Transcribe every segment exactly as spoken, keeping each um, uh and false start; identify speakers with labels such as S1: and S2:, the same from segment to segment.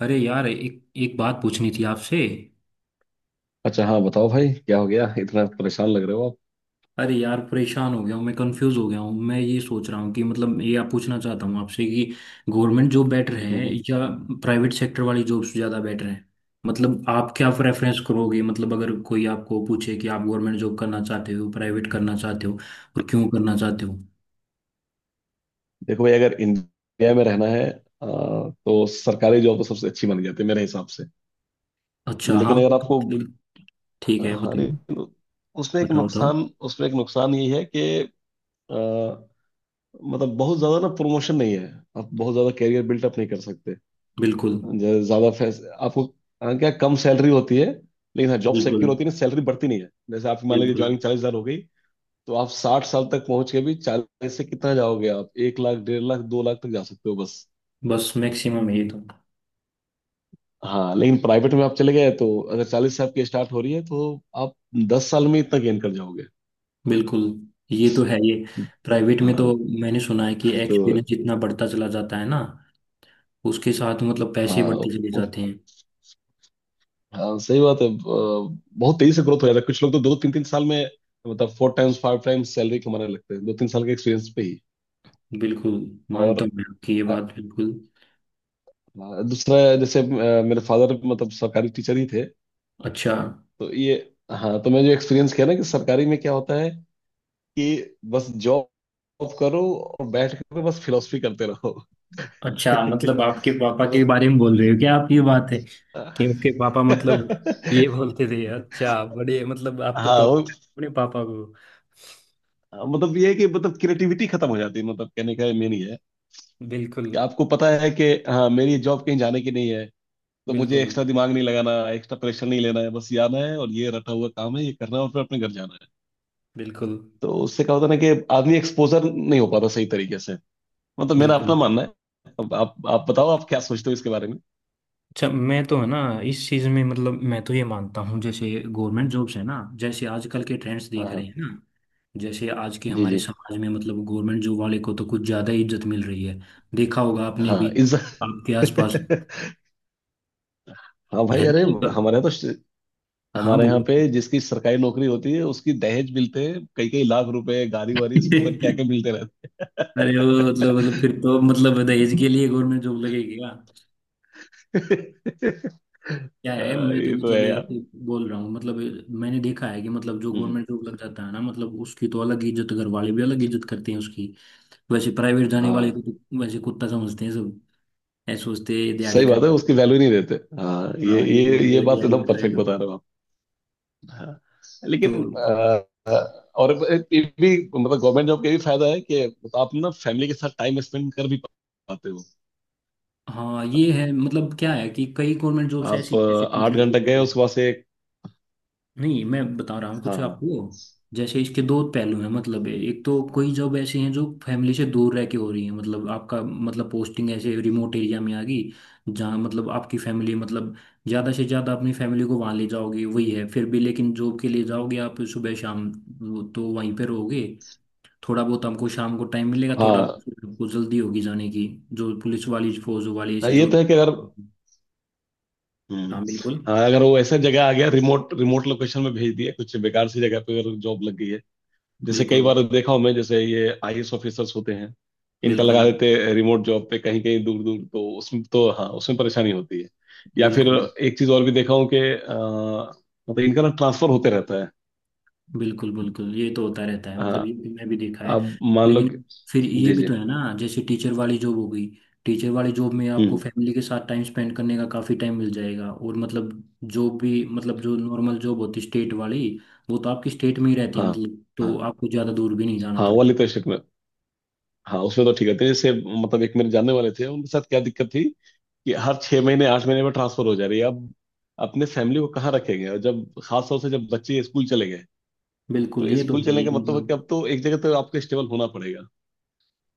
S1: अरे यार, एक एक बात पूछनी थी आपसे।
S2: अच्छा, हाँ बताओ भाई, क्या हो गया? इतना परेशान लग रहे हो आप।
S1: अरे यार, परेशान हो गया हूँ मैं, कंफ्यूज हो गया हूँ मैं। ये सोच रहा हूँ कि मतलब ये आप पूछना चाहता हूँ आपसे कि गवर्नमेंट जॉब बेटर है
S2: हम्म।
S1: या प्राइवेट सेक्टर वाली जॉब्स ज़्यादा बेटर है। मतलब आप क्या प्रेफरेंस करोगे? मतलब अगर कोई आपको पूछे कि आप गवर्नमेंट जॉब करना चाहते हो, प्राइवेट करना चाहते हो और क्यों करना चाहते हो?
S2: देखो भाई, अगर इंडिया में रहना है, आ, तो सरकारी जॉब तो सबसे अच्छी मानी जाती है मेरे हिसाब से।
S1: अच्छा हाँ,
S2: लेकिन अगर
S1: वो तो
S2: आपको,
S1: मतलब। ठीक है,
S2: हाँ
S1: बताओ,
S2: लेकिन, उसमें एक
S1: बताओ, बताओ।
S2: नुकसान उसमें एक नुकसान ये है कि, आ, मतलब बहुत ज्यादा ना प्रमोशन नहीं है। आप बहुत ज्यादा कैरियर बिल्डअप नहीं कर सकते।
S1: बिल्कुल,
S2: ज- ज्यादा फैस आपको, हाँ, क्या कम सैलरी होती है। लेकिन हाँ, जॉब
S1: बिल्कुल,
S2: सिक्योर होती है ना, सैलरी बढ़ती नहीं है। जैसे आप मान लीजिए
S1: बिल्कुल।
S2: ज्वाइनिंग चालीस हजार हो गई। तो आप साठ साल तक पहुंच के भी चालीस से कितना जाओगे, आप एक लाख, डेढ़ लाख, दो लाख तक जा सकते हो बस।
S1: बस मैक्सिमम है ये तो।
S2: हाँ, लेकिन प्राइवेट में आप चले गए तो, अगर चालीस से आपकी स्टार्ट हो रही है तो आप दस साल में इतना गेन कर जाओगे।
S1: बिल्कुल। ये तो है ये। प्राइवेट में
S2: हाँ
S1: तो। मैंने सुना है कि एक्सपीरियंस
S2: तो,
S1: जितना बढ़ता चला जाता है ना, उसके साथ मतलब पैसे
S2: हाँ
S1: बढ़ते चले
S2: उ-
S1: जाते हैं।
S2: हाँ सही बात है, अ, बहुत तेजी से ग्रोथ हो जाता है, कुछ लोग तो दो तीन तीन साल में मतलब four times five times salary कमाने लगते हैं, दो तीन साल के एक्सपीरियंस पे ही।
S1: बिल्कुल, मानता
S2: और,
S1: हूँ मैं आपकी ये
S2: अ,
S1: बात। बिल्कुल।
S2: हाँ, दूसरा, जैसे अ, मेरे फादर मतलब सरकारी टीचर ही थे।
S1: अच्छा,
S2: तो ये, हाँ तो मैं जो एक्सपीरियंस किया ना कि सरकारी में क्या होता है, कि बस जॉब करो और बैठ कर बस फिलोसफी करते रहो।
S1: अच्छा। मतलब आपके पापा के
S2: मतलब
S1: बारे में बोल रहे हो क्या आप? ये बात है कि आपके पापा मतलब ये बोलते थे? अच्छा, बड़े मतलब आप तो
S2: हाँ
S1: टोक
S2: वो,
S1: अपने पापा को।
S2: मतलब ये है कि, मतलब क्रिएटिविटी खत्म हो जाती है, मतलब कहने का मेन ये है
S1: बिल्कुल,
S2: कि आपको पता है कि हाँ, मेरी जॉब कहीं जाने की नहीं है, तो मुझे
S1: बिल्कुल,
S2: एक्स्ट्रा दिमाग नहीं लगाना, एक्स्ट्रा प्रेशर नहीं लेना है, बस ये आना है और ये रटा हुआ काम है, ये करना है और फिर अपने घर जाना है।
S1: बिल्कुल,
S2: तो उससे क्या होता है ना कि आदमी एक्सपोजर नहीं हो पाता सही तरीके से। मतलब मेरा
S1: बिल्कुल।
S2: अपना मानना है। अब आप आप बताओ, आप क्या सोचते हो इसके बारे में?
S1: अच्छा, मैं तो है ना, इस चीज में मतलब मैं तो ये मानता हूँ। जैसे गवर्नमेंट जॉब्स है ना, जैसे आजकल के ट्रेंड्स
S2: हाँ
S1: देख रहे
S2: हाँ।
S1: हैं ना, जैसे आज के
S2: जी
S1: हमारे
S2: जी।
S1: समाज में मतलब गवर्नमेंट जॉब वाले को तो कुछ ज्यादा ही इज्जत मिल रही है। देखा होगा आपने
S2: हाँ
S1: भी
S2: इस
S1: आपके आसपास,
S2: हाँ
S1: है
S2: भाई,
S1: ना?
S2: अरे
S1: ये ब-
S2: हमारे यहाँ तो श-
S1: हाँ,
S2: हमारे यहाँ
S1: बोलो।
S2: पे जिसकी सरकारी नौकरी होती है उसकी दहेज मिलते हैं, कई कई लाख रुपए, गाड़ी वाड़ी सब, पता नहीं क्या क्या मिलते रहते
S1: अरे, वो मतलब मतलब फिर तो मतलब दहेज के लिए गवर्नमेंट जॉब लगेगी क्या?
S2: हैं।
S1: क्या है,
S2: हाँ,
S1: मैं तो
S2: ये तो है
S1: मतलब
S2: यार।
S1: ऐसे बोल रहा हूँ मतलब। मैंने देखा है कि मतलब जो
S2: हम्म।
S1: गवर्नमेंट जॉब लग जाता है ना, मतलब उसकी तो अलग इज्जत, घर वाले भी अलग इज्जत करते हैं उसकी। वैसे प्राइवेट जाने वाले
S2: हाँ
S1: को तो वैसे कुत्ता समझते हैं सब। ऐसे सोचते हैं, "ये दिहाड़ी
S2: सही बात
S1: कर।"
S2: है, उसकी वैल्यू नहीं देते। हाँ, ये
S1: हाँ, ये
S2: ये
S1: बोलते
S2: ये
S1: हैं
S2: बात तो
S1: दिहाड़ी
S2: एकदम
S1: कर रहे हैं
S2: परफेक्ट
S1: तो
S2: बता रहे हो आप। हाँ
S1: तो
S2: लेकिन, अ, और ये भी, मतलब गवर्नमेंट जॉब का ये भी फायदा है कि आप ना फैमिली के साथ टाइम स्पेंड कर भी पाते हो।
S1: हाँ, ये है मतलब, क्या है कि कई गवर्नमेंट जॉब्स ऐसी
S2: आप,
S1: हैं, जैसे
S2: अ, आठ
S1: टीचर की
S2: घंटे गए
S1: जॉब है।
S2: उसके बाद से,
S1: नहीं, मैं बता रहा हूँ कुछ
S2: हाँ
S1: आपको। जैसे इसके दो पहलू हैं, मतलब एक तो कोई जॉब ऐसी हैं जो फैमिली से दूर रह के हो रही है, मतलब आपका मतलब पोस्टिंग ऐसे रिमोट एरिया में आ गई, जहाँ मतलब आपकी फैमिली मतलब ज़्यादा से ज़्यादा अपनी फैमिली को वहाँ ले जाओगे वही है फिर भी, लेकिन जॉब के लिए जाओगे आप सुबह शाम, वो तो वहीं पे रहोगे। थोड़ा बहुत हमको शाम को टाइम मिलेगा, थोड़ा
S2: हाँ
S1: बहुत आपको जल्दी होगी जाने की। जो पुलिस वाली फौज वाली
S2: हाँ,
S1: ऐसी
S2: ये
S1: जो।
S2: तो है कि अगर, हम्म,
S1: हाँ, बिल्कुल,
S2: हाँ, अगर वो ऐसा जगह आ गया, रिमोट रिमोट लोकेशन में भेज दिया, कुछ बेकार सी जगह पे अगर जॉब लग गई है। जैसे कई
S1: बिल्कुल,
S2: बार देखा हूं मैं, जैसे ये आईएएस ऑफिसर्स होते हैं, इनका
S1: बिल्कुल,
S2: लगा देते हैं रिमोट जॉब पे, कहीं कहीं दूर दूर, तो उसमें तो हाँ, उसमें परेशानी होती है। या फिर
S1: बिल्कुल,
S2: एक चीज और भी देखा हूँ कि, अ, मतलब इनका ना ट्रांसफर होते रहता है।
S1: बिल्कुल, बिल्कुल। ये तो होता रहता है मतलब, ये
S2: हाँ,
S1: भी- मैं भी देखा है।
S2: अब मान लो कि,
S1: लेकिन फिर ये
S2: जी
S1: भी
S2: जी,
S1: तो है ना, जैसे टीचर वाली जॉब हो गई। टीचर वाली जॉब में आपको
S2: हम्म,
S1: फैमिली के साथ टाइम स्पेंड करने का काफ़ी टाइम मिल जाएगा, और मतलब जॉब भी मतलब जो नॉर्मल जॉब होती स्टेट वाली वो तो आपकी स्टेट में ही रहती है,
S2: हाँ
S1: मतलब
S2: हाँ,
S1: तो आपको ज़्यादा दूर भी नहीं जाना
S2: हाँ वो
S1: पड़ता।
S2: वाली तो शिफ्ट में, हाँ उसमें तो ठीक है थे। जैसे मतलब एक मेरे जानने वाले थे, उनके साथ क्या दिक्कत थी कि हर छह महीने आठ महीने में ट्रांसफर हो जा रही है। अब अपने फैमिली को कहाँ रखेंगे, और जब खास तौर से जब बच्चे स्कूल चले गए,
S1: बिल्कुल,
S2: तो
S1: ये तो
S2: स्कूल
S1: है
S2: चलने
S1: ही
S2: का मतलब है कि
S1: मतलब,
S2: अब तो एक जगह तो आपको स्टेबल होना पड़ेगा।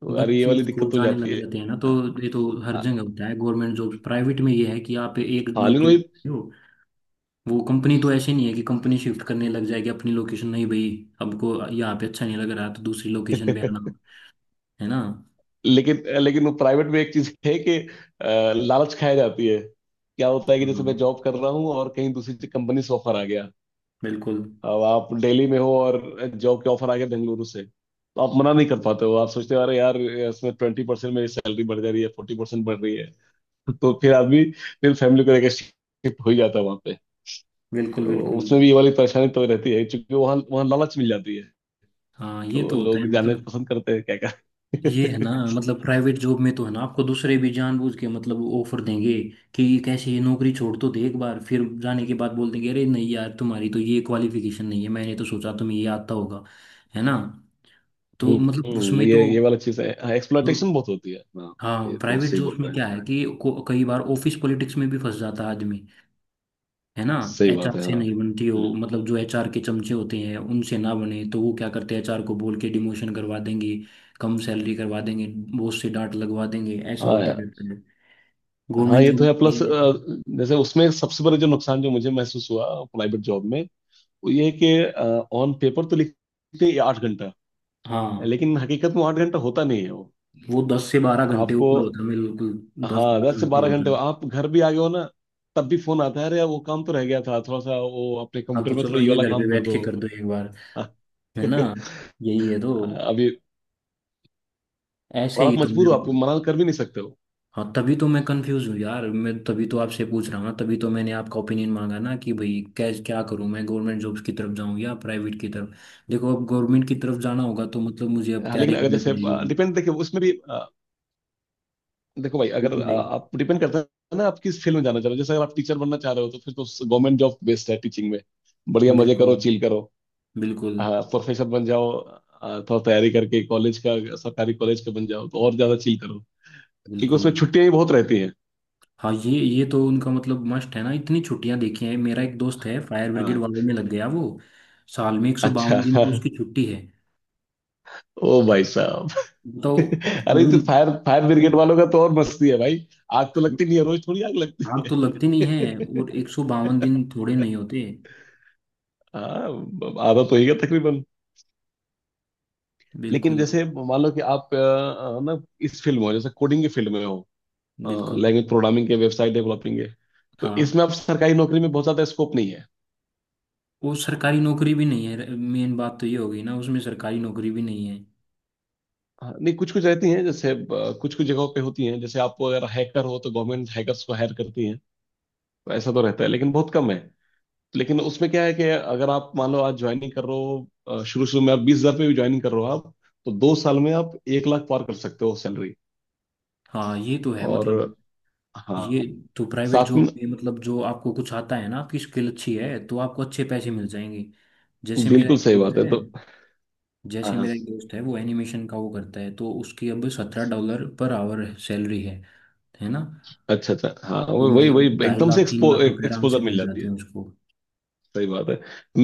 S2: तो यार, ये
S1: बच्चे
S2: वाली
S1: स्कूल
S2: दिक्कत तो हो
S1: जाने
S2: जाती
S1: लग
S2: है।
S1: जाते हैं ना तो। ये तो हर जगह होता है गवर्नमेंट जॉब प्राइवेट में। ये है कि आप एक
S2: हाँ लेकिन वही
S1: नौकरी हो, वो कंपनी तो ऐसे नहीं है कि कंपनी शिफ्ट करने लग जाएगी अपनी लोकेशन। नहीं भाई, हमको यहाँ पे अच्छा नहीं लग रहा तो दूसरी लोकेशन पे आना, है ना?
S2: लेकिन लेकिन वो प्राइवेट में एक चीज है कि, अ, लालच खाया जाती है, क्या होता है कि जैसे मैं
S1: हाँ,
S2: जॉब कर रहा हूँ और कहीं दूसरी कंपनी से ऑफर आ गया।
S1: बिल्कुल,
S2: अब आप दिल्ली में हो और जॉब के ऑफर आ गया बेंगलुरु से, तो आप मना नहीं कर पाते हो, आप सोचते हो अरे यार, इसमें ट्वेंटी परसेंट मेरी सैलरी बढ़ जा रही है, फोर्टी परसेंट बढ़ रही है। तो फिर आदमी फिर फैमिली को लेकर शिफ्ट हो ही जाता है वहाँ पे।
S1: बिल्कुल,
S2: तो
S1: बिल्कुल।
S2: उसमें भी ये वाली परेशानी तो रहती है, क्योंकि वहाँ वहाँ लालच मिल जाती है।
S1: हाँ, ये
S2: तो
S1: तो होता है
S2: लोग जाने
S1: मतलब।
S2: पसंद करते हैं, क्या
S1: ये है
S2: क्या।
S1: ना मतलब, प्राइवेट जॉब में तो है ना, आपको दूसरे भी जानबूझ के मतलब ऑफर देंगे कि कैसे ये नौकरी छोड़ तो दे, एक बार फिर जाने के बाद बोल देंगे, अरे नहीं यार, तुम्हारी तो ये क्वालिफिकेशन नहीं है, मैंने तो सोचा तुम्हें ये आता होगा, है ना? तो मतलब
S2: हम्म,
S1: उसमें तो।
S2: ये ये वाला चीज है, हाँ, एक्सप्लॉयटेशन बहुत होती है हाँ,
S1: हाँ,
S2: ये तो
S1: प्राइवेट
S2: सही
S1: जॉब्स
S2: बोल
S1: में
S2: रहे हैं,
S1: क्या है कि को- कई बार ऑफिस पॉलिटिक्स में भी फंस जाता है आदमी, है ना?
S2: सही
S1: एच आर
S2: बात है
S1: से
S2: हाँ।
S1: नहीं बनती हो
S2: हम्म।
S1: मतलब, जो एच आर के चमचे होते हैं उनसे ना बने तो वो क्या करते हैं एच आर को बोल के डिमोशन करवा देंगे, कम सैलरी करवा देंगे, बॉस से डांट लगवा देंगे। ऐसा
S2: हाँ
S1: होता
S2: यार।
S1: है
S2: हाँ,
S1: गवर्नमेंट
S2: ये
S1: जॉब
S2: तो है प्लस,
S1: में-
S2: जैसे उसमें सबसे बड़ा जो नुकसान जो मुझे महसूस हुआ प्राइवेट जॉब में, वो ये है कि ऑन पेपर तो लिखते हैं आठ घंटा,
S1: हाँ,
S2: लेकिन हकीकत में आठ घंटा होता नहीं है वो।
S1: वो दस से बारह घंटे
S2: आपको,
S1: ऊपर होता है बिल्कुल। दस
S2: हाँ
S1: बारह
S2: दस से
S1: घंटे
S2: बारह
S1: होता
S2: घंटे
S1: है।
S2: आप घर भी आ गए हो ना, तब भी फोन आता है, अरे यार, वो काम तो रह गया था थोड़ा सा, वो अपने
S1: हाँ, तो
S2: कंप्यूटर में थोड़ा
S1: चलो
S2: ये
S1: ये
S2: वाला
S1: घर पे
S2: काम कर
S1: बैठ
S2: दो।
S1: के कर दो एक बार, है ना? यही है तो,
S2: अभी,
S1: ऐसे
S2: और
S1: ही
S2: आप
S1: तुम्हें।
S2: मजबूर हो, आपको मना कर भी नहीं सकते हो।
S1: हाँ, तभी तो मैं कंफ्यूज हूँ यार, मैं तभी तो आपसे पूछ रहा हूँ ना, तभी तो मैंने आपका ओपिनियन मांगा ना कि भाई कैसे क्या करूँ, मैं गवर्नमेंट जॉब्स की तरफ जाऊँ या प्राइवेट की तरफ? देखो, अब गवर्नमेंट की तरफ जाना होगा तो मतलब मुझे अब
S2: हाँ, लेकिन
S1: तैयारी
S2: अगर
S1: करनी
S2: जैसे,
S1: पड़ेगी।
S2: डिपेंड देखिए उसमें भी, देखो भाई अगर,
S1: बिल्कुल
S2: आ,
S1: नहीं।
S2: आप, डिपेंड करता है ना, आप किस फील्ड में जाना चाह रहे हो, जैसे अगर आप टीचर बनना चाह रहे हो तो फिर तो गवर्नमेंट जॉब बेस्ट है टीचिंग में, बढ़िया मजे
S1: बिल्कुल,
S2: करो, चिल करो।
S1: बिल्कुल,
S2: हाँ प्रोफेसर बन जाओ, आ, थोड़ा तैयारी करके, कॉलेज का सरकारी कॉलेज का बन जाओ तो और ज्यादा चिल करो, क्योंकि
S1: बिल्कुल।
S2: उसमें छुट्टियां भी बहुत रहती हैं।
S1: हाँ, ये ये तो उनका मतलब मस्ट है ना, इतनी छुट्टियां देखी हैं। मेरा एक दोस्त है, फायर ब्रिगेड
S2: हाँ,
S1: वालों में लग गया वो, साल में एक सौ
S2: अच्छा
S1: बावन दिन की उसकी छुट्टी है
S2: ओ भाई साहब
S1: तो
S2: अरे
S1: पूरी।
S2: तो फायर फायर ब्रिगेड वालों का तो और मस्ती है भाई। आग तो लगती नहीं है, रोज थोड़ी आग लगती
S1: आग तो लगती नहीं है
S2: है।
S1: और एक सौ बावन दिन थोड़े नहीं होते।
S2: हाँ, आधा तो ही है तकरीबन। लेकिन
S1: बिल्कुल,
S2: जैसे मान लो कि आप, अ, अ, ना, इस फील्ड में हो, जैसे कोडिंग की फील्ड में हो,
S1: बिल्कुल।
S2: लैंग्वेज प्रोग्रामिंग के, वेबसाइट डेवलपिंग के, तो
S1: हाँ,
S2: इसमें आप सरकारी नौकरी में बहुत ज्यादा स्कोप नहीं है।
S1: वो सरकारी नौकरी भी नहीं है, मेन बात तो ये हो गई ना, उसमें सरकारी नौकरी भी नहीं है।
S2: हाँ, नहीं कुछ कुछ रहती हैं, जैसे कुछ कुछ जगहों पे होती हैं, जैसे आप अगर हैकर हो तो गवर्नमेंट hackers को हायर करती है, तो ऐसा तो रहता है, लेकिन बहुत कम है। लेकिन उसमें क्या है कि, अगर आप मान लो आज ज्वाइनिंग कर रहे हो शुरू शुरू में, आप बीस हजार पे भी ज्वाइनिंग कर रहे हो आप, तो दो साल में आप एक लाख पार कर सकते हो सैलरी।
S1: हाँ, ये तो है
S2: और
S1: मतलब। ये
S2: हाँ,
S1: तो प्राइवेट
S2: साथ में
S1: जॉब में मतलब, जो आपको कुछ आता है ना, आपकी स्किल अच्छी है तो आपको अच्छे पैसे मिल जाएंगे। जैसे मेरा
S2: बिल्कुल
S1: एक
S2: सही
S1: दोस्त
S2: बात है
S1: है।
S2: तो, हाँ
S1: जैसे
S2: हाँ,
S1: मेरा एक दोस्त है, वो एनिमेशन का वो करता है, तो उसकी अब सत्रह डॉलर पर आवर सैलरी है है ना?
S2: अच्छा अच्छा, हाँ
S1: तो
S2: वो- वही
S1: मतलब
S2: वही
S1: ढाई
S2: एकदम से
S1: लाख तीन
S2: एक्सपो,
S1: लाख रुपए आराम से
S2: एक्सपोजर मिल
S1: मिल
S2: जाती
S1: जाते
S2: है।
S1: हैं उसको।
S2: सही बात है,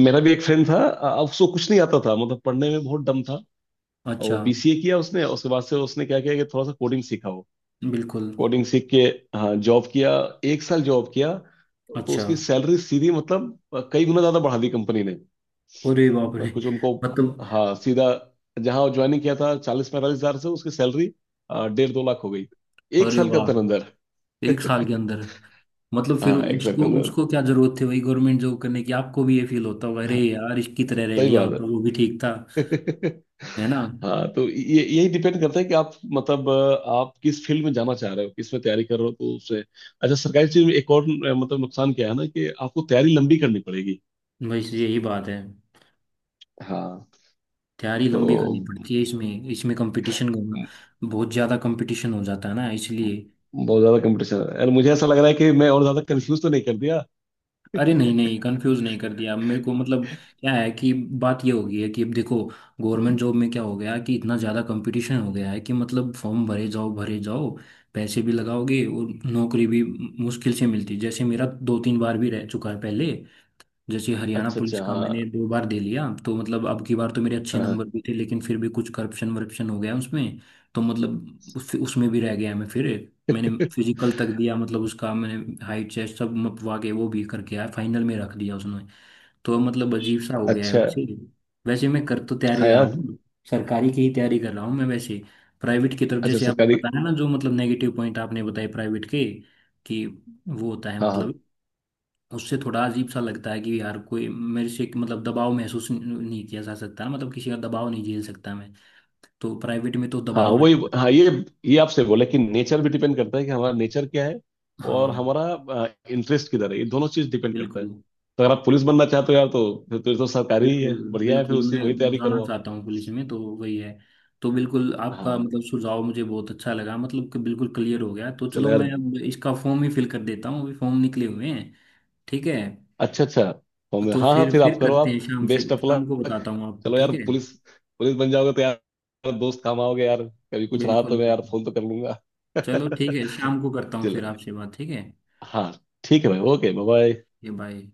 S2: मेरा भी एक फ्रेंड था, अ, उसको कुछ नहीं आता था, मतलब पढ़ने में बहुत दम था, और वो
S1: अच्छा।
S2: बीसीए किया उसने, उसके बाद से उसने क्या किया कि थोड़ा सा कोडिंग सीखा वो,
S1: बिल्कुल।
S2: कोडिंग सीख के हाँ जॉब किया, एक साल जॉब किया, तो
S1: अच्छा,
S2: उसकी सैलरी सीधी, मतलब, अ, कई गुना ज्यादा बढ़ा दी कंपनी ने।
S1: अरे बाप
S2: अ,
S1: रे!
S2: कुछ उनको,
S1: मतलब,
S2: हाँ सीधा जहाँ ज्वाइनिंग किया था चालीस पैंतालीस हजार से, उसकी सैलरी, अ, डेढ़ दो लाख हो गई, एक
S1: अरे
S2: साल के अंदर
S1: वाह!
S2: अंदर।
S1: एक साल के अंदर। मतलब फिर
S2: हाँ, एक साल के
S1: उसको
S2: अंदर।
S1: उसको क्या जरूरत थी वही गवर्नमेंट जॉब करने की? आपको भी ये फील होता होगा, अरे
S2: हाँ,
S1: यार इसकी तरह रह
S2: सही
S1: लिया
S2: बात है।
S1: होता वो भी ठीक था, है ना?
S2: हाँ तो ये यही डिपेंड करता है कि आप मतलब, अ, आप किस फील्ड में जाना चाह रहे हो, किस में तैयारी कर रहे हो, तो उससे अच्छा। सरकारी चीज में एक और, अ, मतलब नुकसान क्या है ना कि आपको तैयारी लंबी करनी पड़ेगी।
S1: बस यही बात है।
S2: हाँ
S1: तैयारी
S2: तो
S1: लंबी करनी
S2: म-
S1: पड़ती है, इसमें इसमें कंपटीशन, बहुत ज्यादा कंपटीशन हो जाता है ना इसलिए।
S2: म- बहुत ज्यादा कंपटीशन है यार, मुझे ऐसा लग रहा है कि मैं और ज्यादा कंफ्यूज तो नहीं कर दिया।
S1: अरे नहीं, नहीं, कंफ्यूज नहीं कर दिया मेरे को मतलब। क्या है कि बात ये हो गई है कि, अब देखो, गवर्नमेंट जॉब में क्या हो गया कि इतना ज़्यादा कंपटीशन हो गया है कि मतलब फॉर्म भरे जाओ, भरे जाओ, पैसे भी लगाओगे और नौकरी भी मुश्किल से मिलती है। जैसे मेरा दो तीन बार भी रह चुका है पहले। जैसे हरियाणा
S2: अच्छा अच्छा,
S1: पुलिस का
S2: हाँ
S1: मैंने दो बार दे लिया तो मतलब अब की बार तो मेरे अच्छे
S2: हाँ
S1: नंबर भी थे, लेकिन फिर भी कुछ करप्शन वरप्शन हो गया उसमें। तो मतलब उस, उसमें भी रह गया मैं। फिर मैंने फिजिकल तक दिया मतलब, उसका मैंने हाइट चेस्ट सब मपवा के वो भी करके आया, फाइनल में रख दिया उसने। तो मतलब अजीब सा हो गया है
S2: अच्छा,
S1: वैसे ही। वैसे मैं कर तो तैयारी
S2: हाँ
S1: रहा
S2: यार,
S1: हूँ, सरकारी की ही तैयारी कर रहा हूँ मैं वैसे। प्राइवेट की तरफ
S2: अच्छा
S1: जैसे आपने
S2: सरकारी,
S1: बताया ना, जो मतलब नेगेटिव पॉइंट आपने बताए प्राइवेट के, कि वो होता है
S2: हाँ
S1: मतलब,
S2: हाँ।
S1: उससे थोड़ा अजीब सा लगता है कि यार कोई मेरे से एक मतलब दबाव महसूस नहीं किया जा सकता ना, मतलब किसी का दबाव नहीं झेल सकता मैं, तो प्राइवेट में तो
S2: हाँ
S1: दबाव
S2: वही,
S1: रहेगा।
S2: हाँ ये ये आपसे बोला कि नेचर भी डिपेंड करता है कि हमारा नेचर क्या है और
S1: हाँ,
S2: हमारा इंटरेस्ट किधर है, ये दोनों चीज डिपेंड करता है।
S1: बिल्कुल,
S2: तो अगर आप पुलिस बनना चाहते हो यार, तो फिर तो, ये तो सरकारी ही
S1: बिल्कुल,
S2: है, बढ़िया है, फिर
S1: बिल्कुल
S2: उसी
S1: मैं
S2: वही तैयारी
S1: बनवाना
S2: करो आप।
S1: चाहता हूँ पुलिस में तो वही है। तो बिल्कुल आपका
S2: हाँ
S1: मतलब सुझाव मुझे बहुत अच्छा लगा मतलब कि बिल्कुल क्लियर हो गया। तो चलो,
S2: चलो यार,
S1: मैं अब इसका फॉर्म ही फिल कर देता हूँ, अभी फॉर्म निकले हुए हैं। ठीक है,
S2: अच्छा अच्छा, होंगे
S1: तो
S2: हाँ हाँ,
S1: फिर
S2: फिर
S1: फिर
S2: आप करो
S1: करते हैं
S2: आप।
S1: शाम से।
S2: बेस्ट ऑफ
S1: शाम को
S2: लक।
S1: बताता हूँ आपको,
S2: चलो यार,
S1: ठीक है?
S2: पुलिस पुलिस बन जाओगे तो यार दोस्त काम आओगे यार, कभी कुछ रहा
S1: बिल्कुल,
S2: तो मैं
S1: बिल्कुल।
S2: यार फोन तो कर लूंगा।
S1: चलो ठीक है, शाम को करता हूँ
S2: चलो,
S1: फिर आपसे बात। ठीक है,
S2: हाँ, ठीक है भाई, ओके बाय।
S1: ये बाय।